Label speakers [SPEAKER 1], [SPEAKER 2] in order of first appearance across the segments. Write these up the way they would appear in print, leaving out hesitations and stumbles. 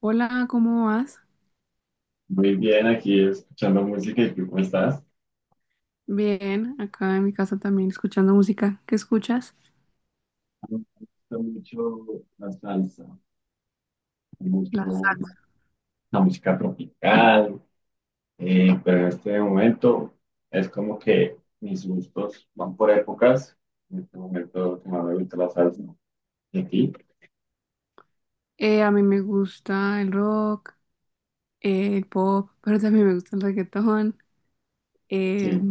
[SPEAKER 1] Hola, ¿cómo vas?
[SPEAKER 2] Muy bien, aquí escuchando música. ¿Y tú cómo estás?
[SPEAKER 1] Bien, acá en mi casa también escuchando música. ¿Qué escuchas?
[SPEAKER 2] Me gusta mucho la salsa,
[SPEAKER 1] Las.
[SPEAKER 2] mucho la música tropical, pero en este momento es como que mis gustos van por épocas. En este momento que más me gusta la salsa. ¿Y a ti?
[SPEAKER 1] A mí me gusta el rock, el pop, pero también me gusta el reggaetón. eh,
[SPEAKER 2] Sí.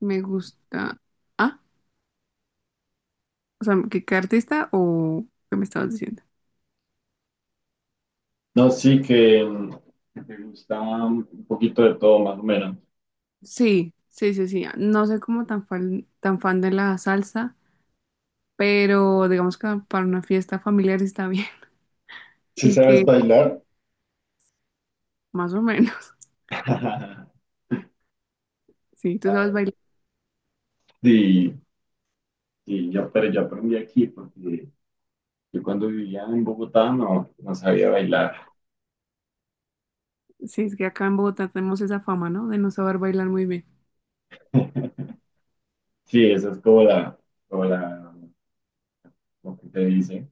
[SPEAKER 1] me gusta... Ah, o sea, ¿qué artista o qué me estabas diciendo?
[SPEAKER 2] No, sí que que te gusta un poquito de todo, más o menos.
[SPEAKER 1] Sí, sí, sí, sí. No soy como tan fan de la salsa, pero digamos que para una fiesta familiar está bien
[SPEAKER 2] ¿Sí
[SPEAKER 1] y que
[SPEAKER 2] sabes bailar?
[SPEAKER 1] más o menos. Sí, ¿tú sabes
[SPEAKER 2] Ah,
[SPEAKER 1] bailar?
[SPEAKER 2] sí, sí, yo aprendí aquí porque yo cuando vivía en Bogotá no sabía bailar.
[SPEAKER 1] Sí, es que acá en Bogotá tenemos esa fama, ¿no? De no saber bailar muy bien.
[SPEAKER 2] Sí, esa es como lo que te dice.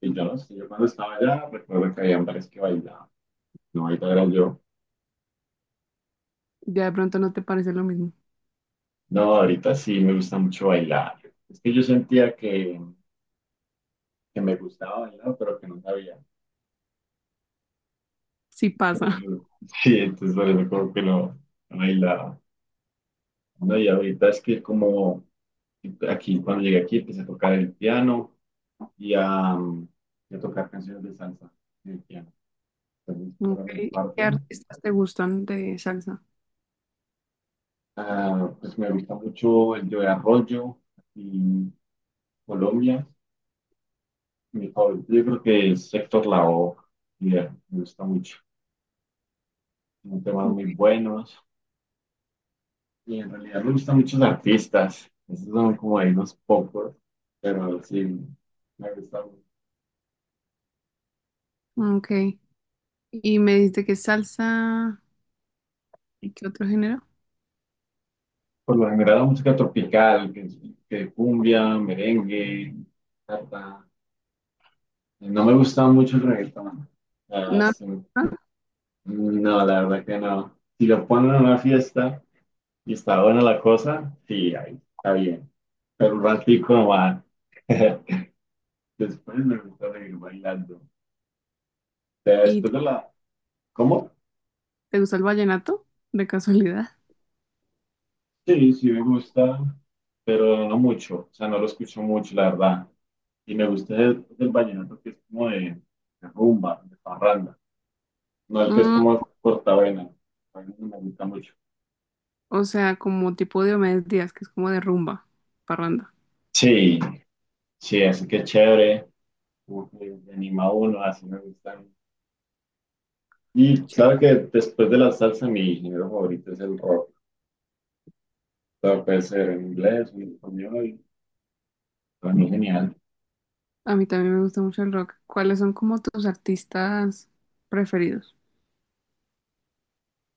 [SPEAKER 2] Y yo no sé, yo cuando estaba allá recuerdo que había hombres que bailaban. No, ahorita era yo.
[SPEAKER 1] Ya de pronto no te parece lo mismo.
[SPEAKER 2] No, ahorita sí me gusta mucho bailar. Es que yo sentía que me gustaba bailar, pero que no sabía.
[SPEAKER 1] Sí pasa.
[SPEAKER 2] Entonces, sí, entonces por eso como que no bailaba. No, y ahorita es que como aquí, cuando llegué aquí, empecé a tocar el piano y a, y a tocar canciones de salsa en el piano. Entonces, esa
[SPEAKER 1] Ok.
[SPEAKER 2] era mi
[SPEAKER 1] ¿Qué
[SPEAKER 2] parte.
[SPEAKER 1] artistas te gustan de salsa?
[SPEAKER 2] Ah, pues me gusta mucho el Joe Arroyo y Colombia. Mi favorito, yo creo que es Héctor Lavoe, y me gusta mucho. Son temas muy buenos. Y en realidad me gustan muchos artistas. Esos son como ahí unos pocos. Pero sí, me gusta.
[SPEAKER 1] Ok. Y me dijiste que salsa. ¿Y qué otro género?
[SPEAKER 2] Por lo general, la música tropical, que cumbia, merengue, bachata. No me gusta mucho el reggaetón. Ah,
[SPEAKER 1] No.
[SPEAKER 2] sí.
[SPEAKER 1] ¿No? No.
[SPEAKER 2] No, la verdad que no. Si lo ponen en una fiesta y está buena la cosa, sí, ahí está bien. Pero un ratico no va. Después me gusta seguir bailando. Después
[SPEAKER 1] ¿Y te
[SPEAKER 2] de la... ¿Cómo?
[SPEAKER 1] te gusta el vallenato? De casualidad.
[SPEAKER 2] Sí, sí me gusta, pero no mucho, o sea, no lo escucho mucho, la verdad. Y me gusta el vallenato que es como de rumba, de parranda, no el que es
[SPEAKER 1] Mm,
[SPEAKER 2] como cortavena, a mí no me gusta mucho.
[SPEAKER 1] o sea, como tipo de Diomedes Díaz, que es como de rumba, parranda.
[SPEAKER 2] Sí, sí, así que chévere, como que me anima a uno, así me gustan. Y claro
[SPEAKER 1] Chévere.
[SPEAKER 2] que después de la salsa mi género favorito es el rock. Claro, puede ser en inglés, en español, para mí genial.
[SPEAKER 1] A mí también me gusta mucho el rock. ¿Cuáles son como tus artistas preferidos?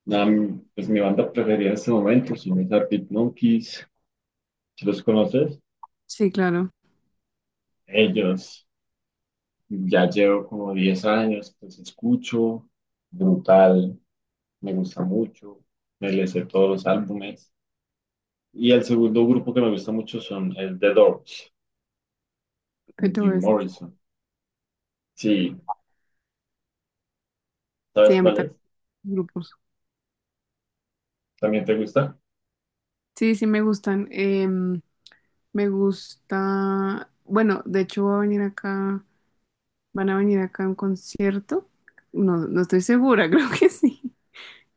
[SPEAKER 2] Nada, pues mi banda preferida en este momento son los Arctic Monkeys, ¿si los conoces?
[SPEAKER 1] Sí, claro.
[SPEAKER 2] Ellos. Ya llevo como 10 años, pues escucho, brutal, me gusta mucho, me les sé todos los álbumes. Y el segundo grupo que me gusta mucho son el The Doors,
[SPEAKER 1] ¿Qué
[SPEAKER 2] con
[SPEAKER 1] te voy a
[SPEAKER 2] Jim
[SPEAKER 1] decir?
[SPEAKER 2] Morrison. Sí,
[SPEAKER 1] Sí,
[SPEAKER 2] ¿sabes
[SPEAKER 1] a mí
[SPEAKER 2] cuál es?
[SPEAKER 1] también. Grupos.
[SPEAKER 2] ¿También te gusta?
[SPEAKER 1] Sí, sí me gustan. Me gusta, bueno, de hecho va a venir acá, van a venir acá a un concierto. No, no estoy segura, creo que sí.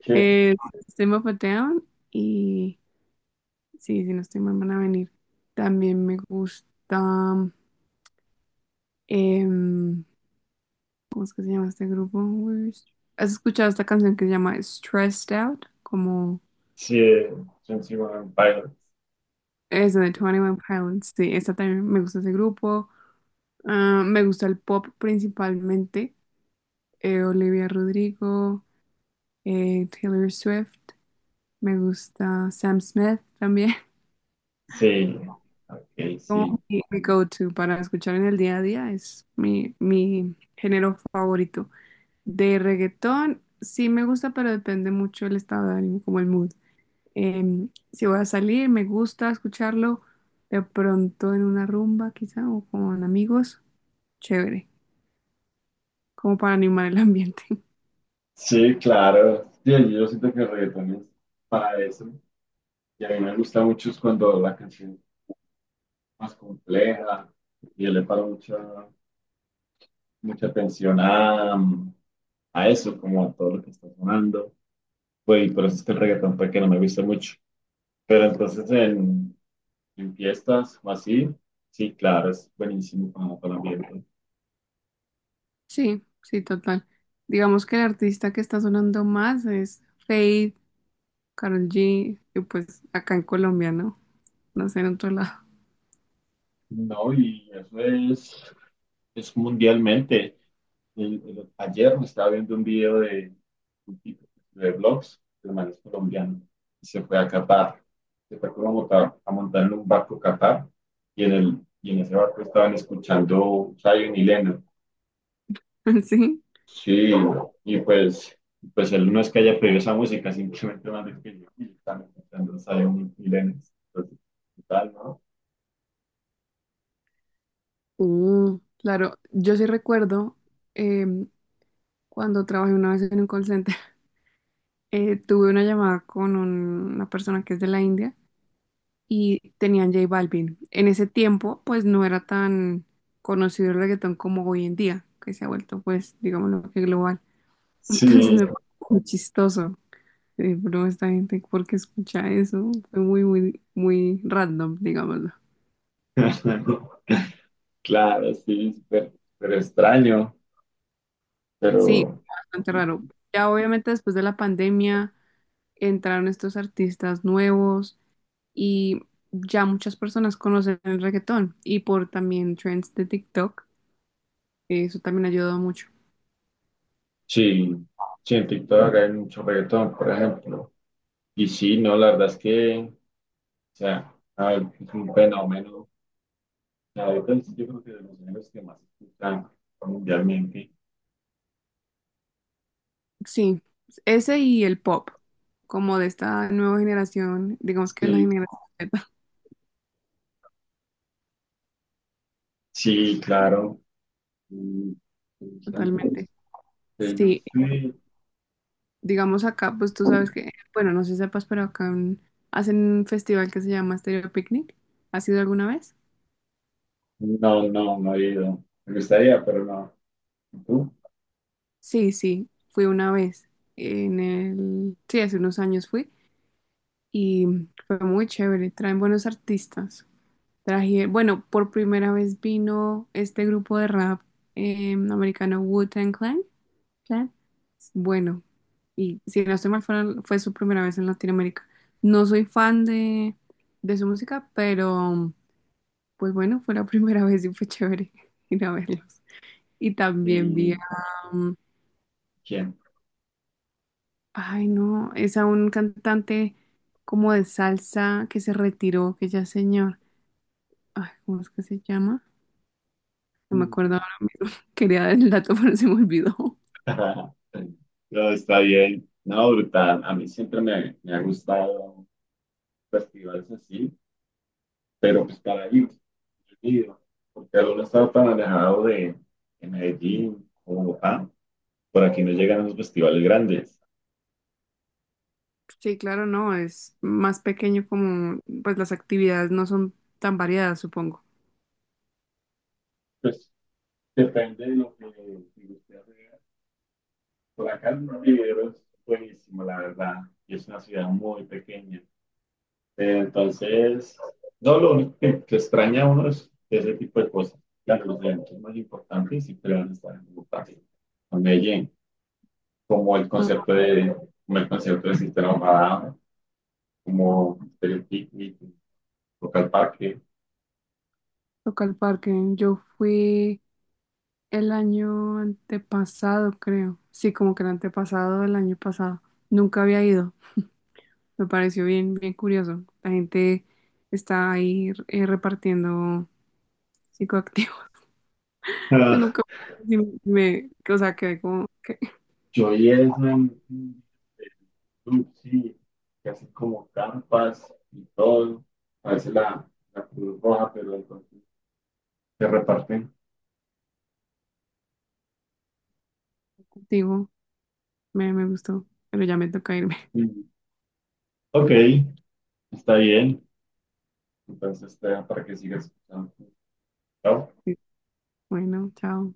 [SPEAKER 2] Sí.
[SPEAKER 1] Eh, System of a Down y sí, si no estoy mal van a venir. También me gusta, em, ¿cómo es que se llama este grupo? ¿Has escuchado esta canción que se llama Stressed Out? Como
[SPEAKER 2] Sí, Twenty One Pilots.
[SPEAKER 1] es de Twenty One Pilots. Sí, esta también me gusta ese grupo. Ah, me gusta el pop principalmente. Olivia Rodrigo, Taylor Swift. Me gusta Sam Smith también.
[SPEAKER 2] Sí, ok,
[SPEAKER 1] Como
[SPEAKER 2] sí.
[SPEAKER 1] mi go-to para escuchar en el día a día es mi género favorito. De reggaetón, sí me gusta, pero depende mucho el estado de ánimo, como el mood. Si voy a salir, me gusta escucharlo de pronto en una rumba, quizá, o con amigos. Chévere, como para animar el ambiente.
[SPEAKER 2] Sí, claro. Sí, yo siento que el reggaetón es para eso. Y a mí me gusta mucho es cuando la canción más compleja y yo le paro mucha atención a eso, como a todo lo que está sonando. Pues, y por eso es que el reggaetón fue que no me gusta mucho. Pero entonces en fiestas o así, sí, claro, es buenísimo para el ambiente.
[SPEAKER 1] Sí, sí, total. Digamos que el artista que está sonando más es Fade, Karol G, y pues acá en Colombia, ¿no? No sé, en otro lado.
[SPEAKER 2] No, y eso es mundialmente. Ayer me estaba viendo un video de un tipo de blogs, de man es colombiano, y se fue a Qatar. Se fue como a montar en un barco a Qatar, y y en ese barco estaban escuchando Zion y Lennon.
[SPEAKER 1] Sí.
[SPEAKER 2] Sí, y pues, pues él no es que haya pedido esa música, simplemente más de que yo y están escuchando Zion y Lennon. Entonces, tal, ¿no?
[SPEAKER 1] Mm, claro, yo sí recuerdo em, cuando trabajé una vez en un call center, tuve una llamada con una persona que es de la India y tenían J Balvin. En ese tiempo, pues no era tan conocido el reggaetón como hoy en día, que se ha vuelto, pues, digamos, lo que global. Entonces
[SPEAKER 2] Sí,
[SPEAKER 1] me pareció muy chistoso. Sí, pero esta gente, ¿por qué escucha eso? Fue muy, muy, muy random, digámoslo.
[SPEAKER 2] claro, sí, súper súper extraño.
[SPEAKER 1] Sí,
[SPEAKER 2] Pero
[SPEAKER 1] bastante raro. Ya obviamente después de la pandemia entraron estos artistas nuevos y ya muchas personas conocen el reggaetón y por también trends de TikTok, eso también ayudó mucho.
[SPEAKER 2] sí, sí, en TikTok hay mucho reggaetón, por ejemplo. Y sí, no, la verdad es que, o sea, a ver, es un fenómeno. O sea, ahorita yo creo que de los géneros que más se escuchan mundialmente.
[SPEAKER 1] Sí, ese y el pop, como de esta nueva generación, digamos que es la
[SPEAKER 2] Sí,
[SPEAKER 1] generación Z,
[SPEAKER 2] sí, claro. Mm, me
[SPEAKER 1] totalmente.
[SPEAKER 2] Taylor
[SPEAKER 1] Sí,
[SPEAKER 2] Swift.
[SPEAKER 1] digamos acá, pues tú sabes que, bueno, no sé si sepas, pero hacen un festival que se llama Stereo Picnic. ¿Has ido alguna vez?
[SPEAKER 2] No, no, no he ido. Me gustaría, pero no. ¿Y tú?
[SPEAKER 1] Sí, sí, fui una vez. En el, sí, hace unos años fui y fue muy chévere. Traen buenos artistas. Traje, bueno, por primera vez vino este grupo de rap americano Wu-Tang Clan. Clan. Bueno, y si no estoy mal, fue su primera vez en Latinoamérica. No soy fan de su música, pero pues bueno, fue la primera vez y fue chévere ir a verlos. Y también vi a,
[SPEAKER 2] ¿Y
[SPEAKER 1] um,
[SPEAKER 2] quién?
[SPEAKER 1] ay no, es a un cantante como de salsa que se retiró, que ya es señor. Ay, ¿cómo es que se llama? No me acuerdo
[SPEAKER 2] Mm.
[SPEAKER 1] ahora mismo. Quería dar el dato, pero se me olvidó.
[SPEAKER 2] No, está bien. No, brutal. A mí siempre me ha gustado. Festivales así, pero pues para ir, porque al uno está tan alejado de Medellín o Bogotá, por aquí no llegan los festivales grandes.
[SPEAKER 1] Sí, claro, no, es más pequeño como, pues las actividades no son tan variadas, supongo.
[SPEAKER 2] Pues depende de lo que si usted haga. Por acá el Rivero es buenísimo, la verdad, y es una ciudad muy pequeña. Entonces, no, lo único que extraña a uno es ese tipo de cosas. Claro, los eventos más importantes siempre van a estar en Bogotá, en Medellín. como el
[SPEAKER 1] Ah,
[SPEAKER 2] concepto de, como el concepto de sistema Madame, como el picnic, local parque.
[SPEAKER 1] toca el parque. Yo fui el año antepasado, creo. Sí, como que el antepasado del año pasado. Nunca había ido. Me pareció bien, bien curioso. La gente está ahí repartiendo psicoactivos.
[SPEAKER 2] Ah,
[SPEAKER 1] Nunca sí me, o sea, quedé como que
[SPEAKER 2] yo y eso en club, sí, que hacen como campas y todo. A veces la Cruz Roja, pero entonces se reparten.
[SPEAKER 1] digo, me gustó, pero ya me toca irme.
[SPEAKER 2] Mm, ok, está bien. Entonces, para que sigas escuchando. Chao.
[SPEAKER 1] Bueno, chao.